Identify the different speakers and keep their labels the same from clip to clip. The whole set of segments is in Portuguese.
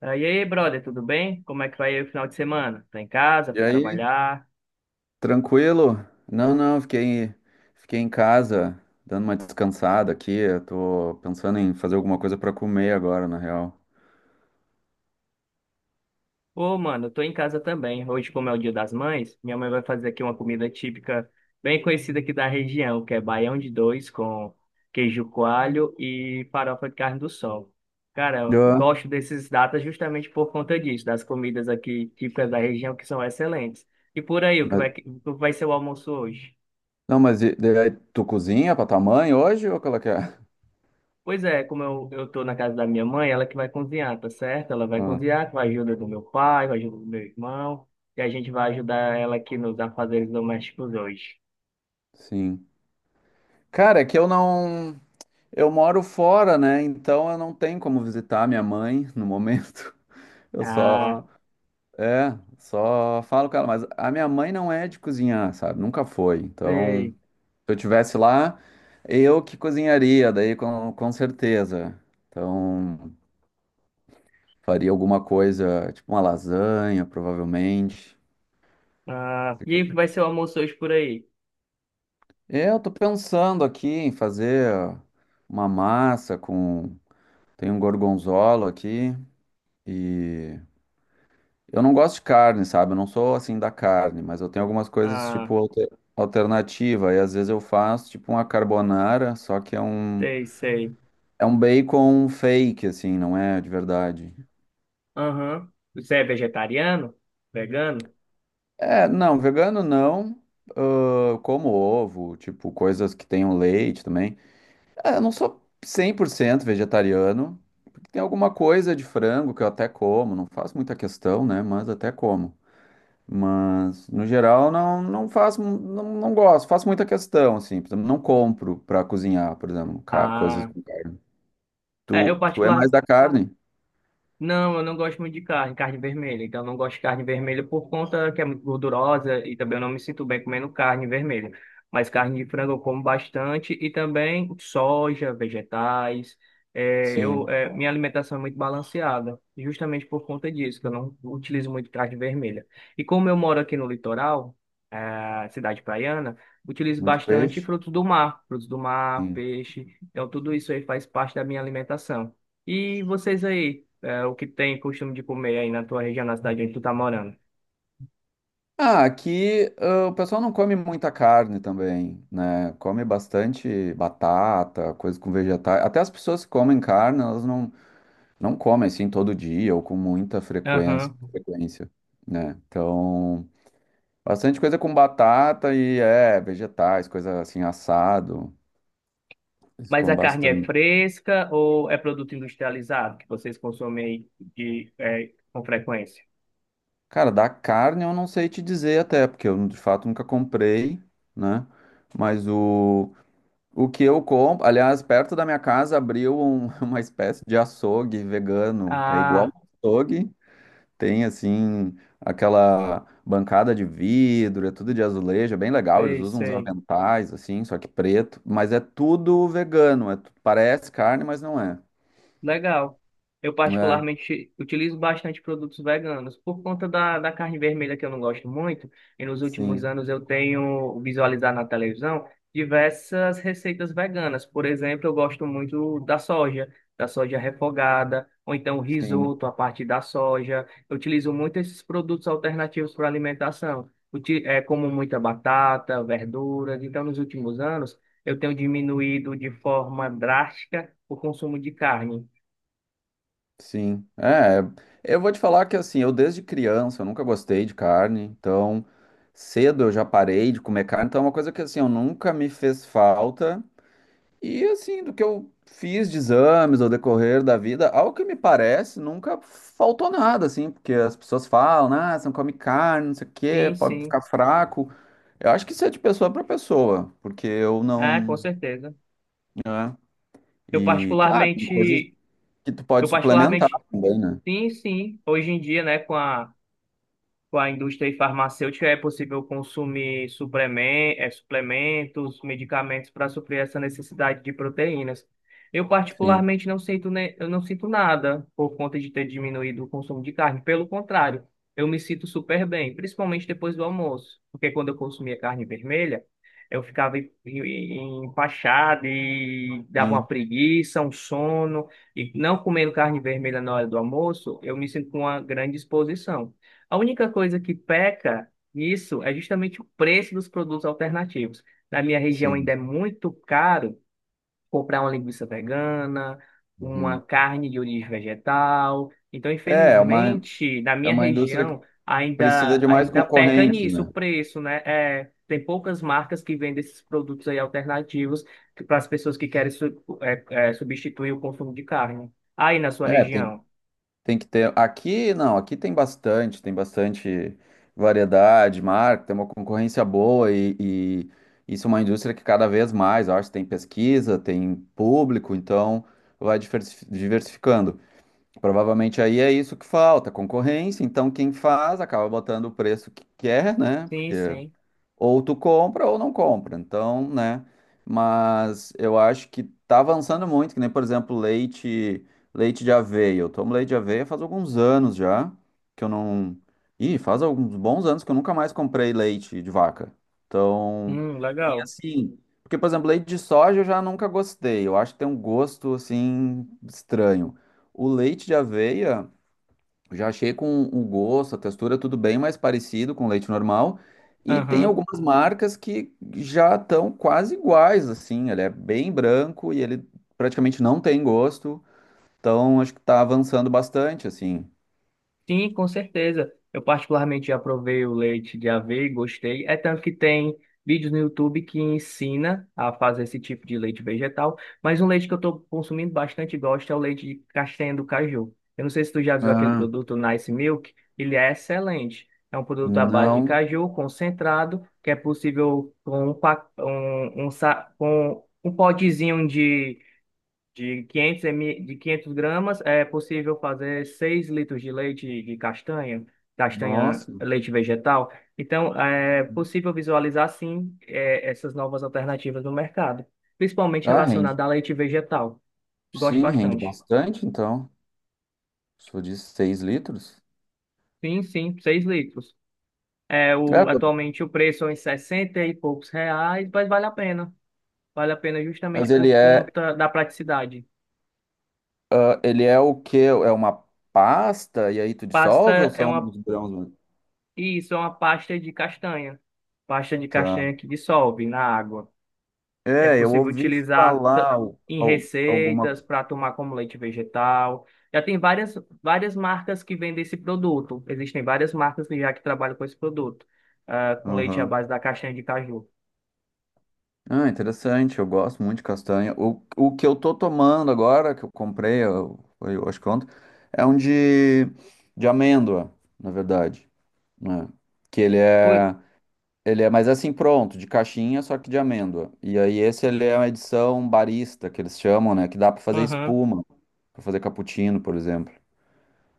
Speaker 1: E aí, brother, tudo bem? Como é que vai aí o final de semana? Tá em casa?
Speaker 2: E
Speaker 1: Foi
Speaker 2: aí,
Speaker 1: trabalhar?
Speaker 2: tranquilo? Não, não, fiquei, fiquei em casa, dando uma descansada aqui. Eu tô pensando em fazer alguma coisa pra comer agora, na real.
Speaker 1: Ô, mano, eu tô em casa também. Hoje, como é o Dia das Mães, minha mãe vai fazer aqui uma comida típica bem conhecida aqui da região, que é baião de dois com queijo coalho e farofa de carne do sol. Cara, eu
Speaker 2: Ah,
Speaker 1: gosto desses datas justamente por conta disso, das comidas aqui típicas da região que são excelentes. E por aí,
Speaker 2: mas-
Speaker 1: o que vai ser o almoço hoje?
Speaker 2: não, mas e aí, tu cozinha pra tua mãe hoje ou qual é que é?
Speaker 1: Pois é, como eu tô na casa da minha mãe, ela que vai cozinhar, tá certo? Ela vai
Speaker 2: Ah,
Speaker 1: cozinhar com a ajuda do meu pai, com a ajuda do meu irmão, e a gente vai ajudar ela aqui nos afazeres domésticos hoje.
Speaker 2: sim. Cara, é que eu não. Eu moro fora, né? Então eu não tenho como visitar minha mãe no momento. Eu
Speaker 1: Ah,
Speaker 2: só. É, só falo com ela. Mas a minha mãe não é de cozinhar, sabe? Nunca foi. Então.
Speaker 1: sei.
Speaker 2: Se eu tivesse lá, eu que cozinharia, daí com certeza. Então, faria alguma coisa, tipo uma lasanha, provavelmente.
Speaker 1: Ah, e aí, que vai ser o almoço hoje por aí?
Speaker 2: Eu tô pensando aqui em fazer uma massa com. Tem um gorgonzola aqui e. Eu não gosto de carne, sabe? Eu não sou assim da carne, mas eu tenho algumas coisas
Speaker 1: Ah,
Speaker 2: tipo alternativa. E às vezes eu faço tipo uma carbonara, só que
Speaker 1: sei, sei.
Speaker 2: é um bacon fake, assim, não é de verdade.
Speaker 1: Aham. Você é vegetariano? Vegano?
Speaker 2: É, não, vegano não. Ah, como ovo, tipo, coisas que tenham leite também. É, eu não sou 100% vegetariano. Tem alguma coisa de frango que eu até como, não faço muita questão, né? Mas até como. Mas, no geral, não, não faço, não, não gosto, faço muita questão, assim. Por exemplo, não compro pra cozinhar, por exemplo, coisas
Speaker 1: Ah,
Speaker 2: com carne.
Speaker 1: é, eu
Speaker 2: Tu é mais
Speaker 1: particular,
Speaker 2: da carne?
Speaker 1: Não, eu não gosto muito de carne, carne vermelha. Então, eu não gosto de carne vermelha por conta que é muito gordurosa e também eu não me sinto bem comendo carne vermelha. Mas carne de frango eu como bastante e também soja, vegetais.
Speaker 2: Sim.
Speaker 1: Minha alimentação é muito balanceada, justamente por conta disso, que eu não utilizo muito carne vermelha. E como eu moro aqui no litoral, cidade praiana, utilizo
Speaker 2: Muito
Speaker 1: bastante
Speaker 2: peixe?
Speaker 1: frutos do mar, peixe. Então, tudo isso aí faz parte da minha alimentação. E vocês aí? O que tem costume de comer aí na tua região, na cidade onde tu tá morando.
Speaker 2: Ah, aqui ah, o pessoal não come muita carne também, né? Come bastante batata, coisa com vegetais. Até as pessoas que comem carne, elas não, não comem assim todo dia ou com muita frequência,
Speaker 1: Aham.
Speaker 2: frequência, né? Então, bastante coisa com batata e é, vegetais, coisa assim, assado. Eles
Speaker 1: Mas a
Speaker 2: comem
Speaker 1: carne é
Speaker 2: bastante.
Speaker 1: fresca ou é produto industrializado que vocês consomem aí de, com frequência?
Speaker 2: Cara, da carne eu não sei te dizer até, porque eu de fato nunca comprei, né? Mas o. O que eu compro, aliás, perto da minha casa abriu uma espécie de açougue vegano. É igual
Speaker 1: Ah,
Speaker 2: um açougue, tem assim aquela bancada de vidro, é tudo de azulejo, é bem legal. Eles
Speaker 1: sei,
Speaker 2: usam uns
Speaker 1: sei.
Speaker 2: aventais assim, só que preto, mas é tudo vegano. É parece carne, mas não é.
Speaker 1: Legal. Eu
Speaker 2: É,
Speaker 1: particularmente utilizo bastante produtos veganos por conta da carne vermelha que eu não gosto muito. E nos últimos
Speaker 2: sim,
Speaker 1: anos eu tenho visualizado na televisão diversas receitas veganas. Por exemplo, eu gosto muito da soja refogada, ou então
Speaker 2: sim.
Speaker 1: risoto a partir da soja. Eu utilizo muito esses produtos alternativos para alimentação. Como muita batata, verduras. Então, nos últimos anos eu tenho diminuído de forma drástica o consumo de carne.
Speaker 2: Sim, é, eu vou te falar que assim, eu desde criança, eu nunca gostei de carne, então cedo eu já parei de comer carne, então é uma coisa que assim, eu nunca me fez falta, e assim, do que eu fiz de exames ao decorrer da vida, ao que me parece, nunca faltou nada, assim, porque as pessoas falam, ah, você não come carne, não sei o
Speaker 1: Sim,
Speaker 2: quê, pode
Speaker 1: sim.
Speaker 2: ficar fraco, eu acho que isso é de pessoa para pessoa, porque eu
Speaker 1: É, com
Speaker 2: não,
Speaker 1: certeza.
Speaker 2: né,
Speaker 1: Eu
Speaker 2: e claro, tem coisas
Speaker 1: particularmente,
Speaker 2: que tu
Speaker 1: eu
Speaker 2: pode suplementar
Speaker 1: particularmente,
Speaker 2: também, né,
Speaker 1: sim, sim. Hoje em dia, né, com a indústria farmacêutica é possível consumir suplementos, medicamentos para suprir essa necessidade de proteínas. Eu
Speaker 2: sim,
Speaker 1: particularmente não sinto, eu não sinto nada por conta de ter diminuído o consumo de carne. Pelo contrário, eu me sinto super bem, principalmente depois do almoço, porque quando eu consumia carne vermelha, eu ficava empachado e dava uma
Speaker 2: sim.
Speaker 1: preguiça, um sono. E não comendo carne vermelha na hora do almoço, eu me sinto com uma grande disposição. A única coisa que peca nisso é justamente o preço dos produtos alternativos. Na minha região ainda é
Speaker 2: Sim.
Speaker 1: muito caro comprar uma linguiça vegana, uma
Speaker 2: Uhum.
Speaker 1: carne de origem vegetal. Então,
Speaker 2: É,
Speaker 1: infelizmente, na
Speaker 2: é
Speaker 1: minha
Speaker 2: uma indústria que
Speaker 1: região
Speaker 2: precisa
Speaker 1: ainda
Speaker 2: de mais
Speaker 1: ainda peca
Speaker 2: concorrente,
Speaker 1: nisso o
Speaker 2: né?
Speaker 1: preço, né? É, tem poucas marcas que vendem esses produtos aí alternativos para as pessoas que querem substituir o consumo de carne. Aí na sua
Speaker 2: É, tem,
Speaker 1: região?
Speaker 2: tem que ter. Aqui, não, aqui tem bastante variedade, marca, tem uma concorrência boa e isso é uma indústria que cada vez mais, eu acho, tem pesquisa, tem público, então vai diversificando. Provavelmente aí é isso que falta, concorrência, então quem faz acaba botando o preço que quer, né?
Speaker 1: Sim,
Speaker 2: Porque
Speaker 1: sim.
Speaker 2: ou tu compra ou não compra. Então, né? Mas eu acho que tá avançando muito, que nem, por exemplo, leite, leite de aveia. Eu tomo leite de aveia faz alguns anos já, que eu não. Ih, faz alguns bons anos que eu nunca mais comprei leite de vaca. Então, e
Speaker 1: Legal.
Speaker 2: assim, porque, por exemplo, leite de soja eu já nunca gostei. Eu acho que tem um gosto assim estranho. O leite de aveia já achei com o gosto, a textura, tudo bem mais parecido com leite normal. E tem
Speaker 1: Aham.
Speaker 2: algumas marcas que já estão quase iguais, assim. Ele é bem branco e ele praticamente não tem gosto. Então, acho que está avançando bastante, assim.
Speaker 1: Sim, com certeza. Eu particularmente já provei o leite de aveia e gostei. É tanto que tem vídeos no YouTube que ensina a fazer esse tipo de leite vegetal, mas um leite que eu estou consumindo bastante e gosto é o leite de castanha do caju. Eu não sei se tu já viu aquele
Speaker 2: Ah,
Speaker 1: produto Nice Milk, ele é excelente. É um produto à base de
Speaker 2: não.
Speaker 1: caju concentrado, que é possível com com um potezinho de 500 ml, de 500 gramas, é possível fazer 6 litros de leite de castanha, castanha,
Speaker 2: Nossa.
Speaker 1: leite vegetal. Então, é possível visualizar, sim, essas novas alternativas no mercado, principalmente
Speaker 2: Ah, rende.
Speaker 1: relacionada a leite vegetal. Gosto
Speaker 2: Sim, rende
Speaker 1: bastante.
Speaker 2: bastante, então. Sou de 6 litros.
Speaker 1: Sim, sim, 6 litros.
Speaker 2: É, pô.
Speaker 1: Atualmente o preço é em 60 e poucos reais, mas vale a pena. Vale a pena justamente
Speaker 2: Mas
Speaker 1: por
Speaker 2: ele é,
Speaker 1: conta da praticidade.
Speaker 2: ah, ele é o quê? É uma pasta e aí tu dissolve ou
Speaker 1: Pasta é
Speaker 2: são
Speaker 1: uma
Speaker 2: os grãos?
Speaker 1: E isso é uma pasta de castanha. Pasta de
Speaker 2: Tá.
Speaker 1: castanha que dissolve na água. É
Speaker 2: É, eu
Speaker 1: possível
Speaker 2: ouvi
Speaker 1: utilizar t-
Speaker 2: falar
Speaker 1: em
Speaker 2: alguma.
Speaker 1: receitas para tomar como leite vegetal. Já tem várias, várias marcas que vendem esse produto. Existem várias marcas que já que trabalham com esse produto, ah, com leite à
Speaker 2: Aham.
Speaker 1: base da castanha de caju.
Speaker 2: Ah, interessante. Eu gosto muito de castanha. O que eu tô tomando agora, que eu comprei, eu, foi, eu acho que ontem, é um de amêndoa, na verdade, né? Que
Speaker 1: Ui,
Speaker 2: ele é mas assim pronto, de caixinha, só que de amêndoa. E aí esse ele é uma edição barista, que eles chamam, né? Que dá pra fazer
Speaker 1: aham.
Speaker 2: espuma, pra fazer cappuccino, por exemplo.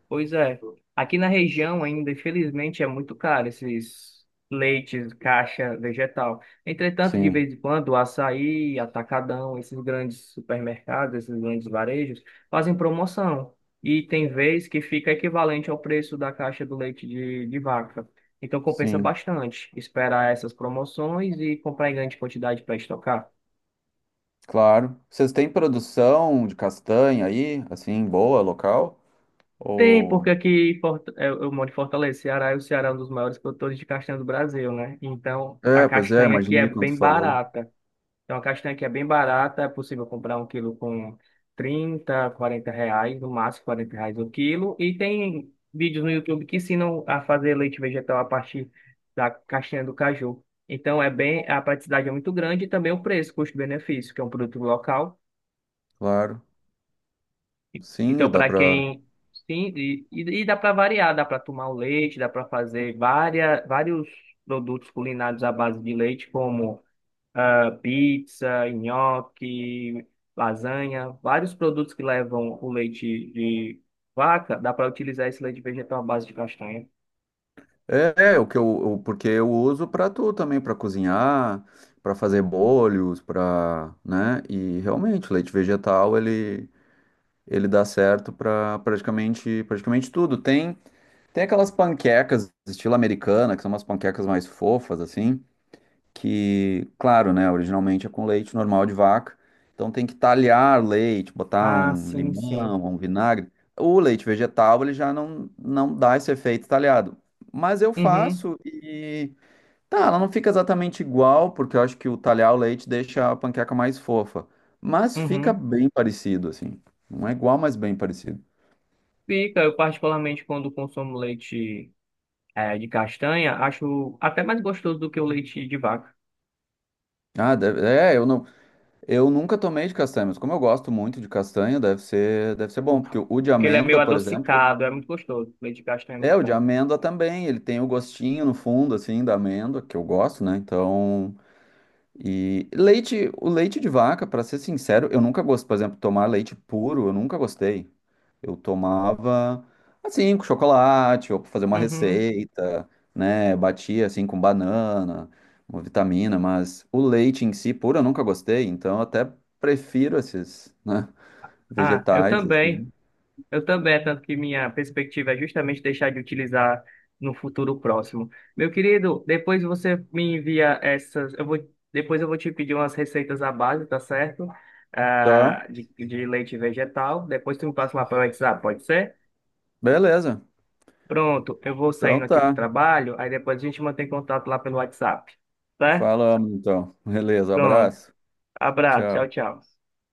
Speaker 1: Pois é. Aqui na região ainda, infelizmente, é muito caro esses leites, caixa vegetal. Entretanto, de
Speaker 2: Sim,
Speaker 1: vez em quando, o Açaí, Atacadão, esses grandes supermercados, esses grandes varejos, fazem promoção. E tem vez que fica equivalente ao preço da caixa do leite de vaca. Então compensa
Speaker 2: sim.
Speaker 1: bastante esperar essas promoções e comprar em grande quantidade para estocar.
Speaker 2: Claro. Vocês têm produção de castanha aí, assim, boa, local?
Speaker 1: Tem, porque
Speaker 2: Ou...
Speaker 1: aqui em eu moro em Fortaleza, Ceará, e o Ceará é um dos maiores produtores de castanha do Brasil, né? Então, a
Speaker 2: É, pois é,
Speaker 1: castanha aqui é
Speaker 2: imaginei quando
Speaker 1: bem
Speaker 2: tu falou.
Speaker 1: barata. Então, a castanha aqui é bem barata, é possível comprar um quilo com 30, 40 reais, no máximo 40 reais o quilo. E tem vídeos no YouTube que ensinam a fazer leite vegetal a partir da castanha do caju. Então, é bem, a praticidade é muito grande e também o preço, custo-benefício, que é um produto local.
Speaker 2: Claro. Sim,
Speaker 1: Então,
Speaker 2: dá
Speaker 1: para
Speaker 2: pra...
Speaker 1: quem. Dá para variar, dá para tomar o leite, dá para fazer várias, vários produtos culinários à base de leite, como ah, pizza, nhoque, lasanha, vários produtos que levam o leite de vaca, dá para utilizar esse leite vegetal à base de castanha.
Speaker 2: É, é, o que eu, o- porque eu uso pra tu também, pra cozinhar, pra fazer bolhos, pra, né? E realmente, o leite vegetal, ele dá certo pra praticamente tudo. Tem, tem aquelas panquecas estilo americana, que são umas panquecas mais fofas, assim, que, claro, né, originalmente é com leite normal de vaca, então tem que talhar leite, botar
Speaker 1: Ah,
Speaker 2: um
Speaker 1: sim, sim.
Speaker 2: limão, um vinagre. O leite vegetal, ele já não, não dá esse efeito talhado. Mas eu
Speaker 1: Uhum,
Speaker 2: faço e tá, ela não fica exatamente igual, porque eu acho que o talhar o leite deixa a panqueca mais fofa, mas fica
Speaker 1: uhum.
Speaker 2: bem parecido assim. Não é igual, mas bem parecido.
Speaker 1: Fica, eu particularmente quando consumo leite de castanha, acho até mais gostoso do que o leite de vaca.
Speaker 2: Ah, é, eu não, eu nunca tomei de castanha, mas como eu gosto muito de castanha, deve ser bom,
Speaker 1: Porque
Speaker 2: porque o de
Speaker 1: ele é meio
Speaker 2: amêndoa, por exemplo,
Speaker 1: adocicado, é muito gostoso. Leite de castanha é
Speaker 2: é,
Speaker 1: muito
Speaker 2: o de
Speaker 1: bom.
Speaker 2: amêndoa também, ele tem o gostinho no fundo, assim, da amêndoa, que eu gosto, né? Então, e leite, o leite de vaca, pra ser sincero, eu nunca gosto, por exemplo, tomar leite puro, eu nunca gostei. Eu tomava, assim, com chocolate, ou pra fazer uma
Speaker 1: Uhum.
Speaker 2: receita, né? Batia, assim, com banana, uma vitamina, mas o leite em si, puro, eu nunca gostei, então eu até prefiro esses, né,
Speaker 1: Ah, eu
Speaker 2: vegetais,
Speaker 1: também.
Speaker 2: assim.
Speaker 1: Eu também, é tanto que minha perspectiva é justamente deixar de utilizar no futuro próximo. Meu querido, depois você me envia essas. Depois eu vou te pedir umas receitas à base, tá certo?
Speaker 2: Tá,
Speaker 1: Ah, de leite vegetal. Depois tu me passa lá pelo WhatsApp, pode ser?
Speaker 2: beleza.
Speaker 1: Pronto, eu vou
Speaker 2: Então
Speaker 1: saindo aqui pro
Speaker 2: tá.
Speaker 1: trabalho, aí depois a gente mantém contato lá pelo WhatsApp, tá?
Speaker 2: Falamos então. Beleza,
Speaker 1: Pronto.
Speaker 2: abraço.
Speaker 1: Abraço, tchau,
Speaker 2: Tchau.
Speaker 1: tchau.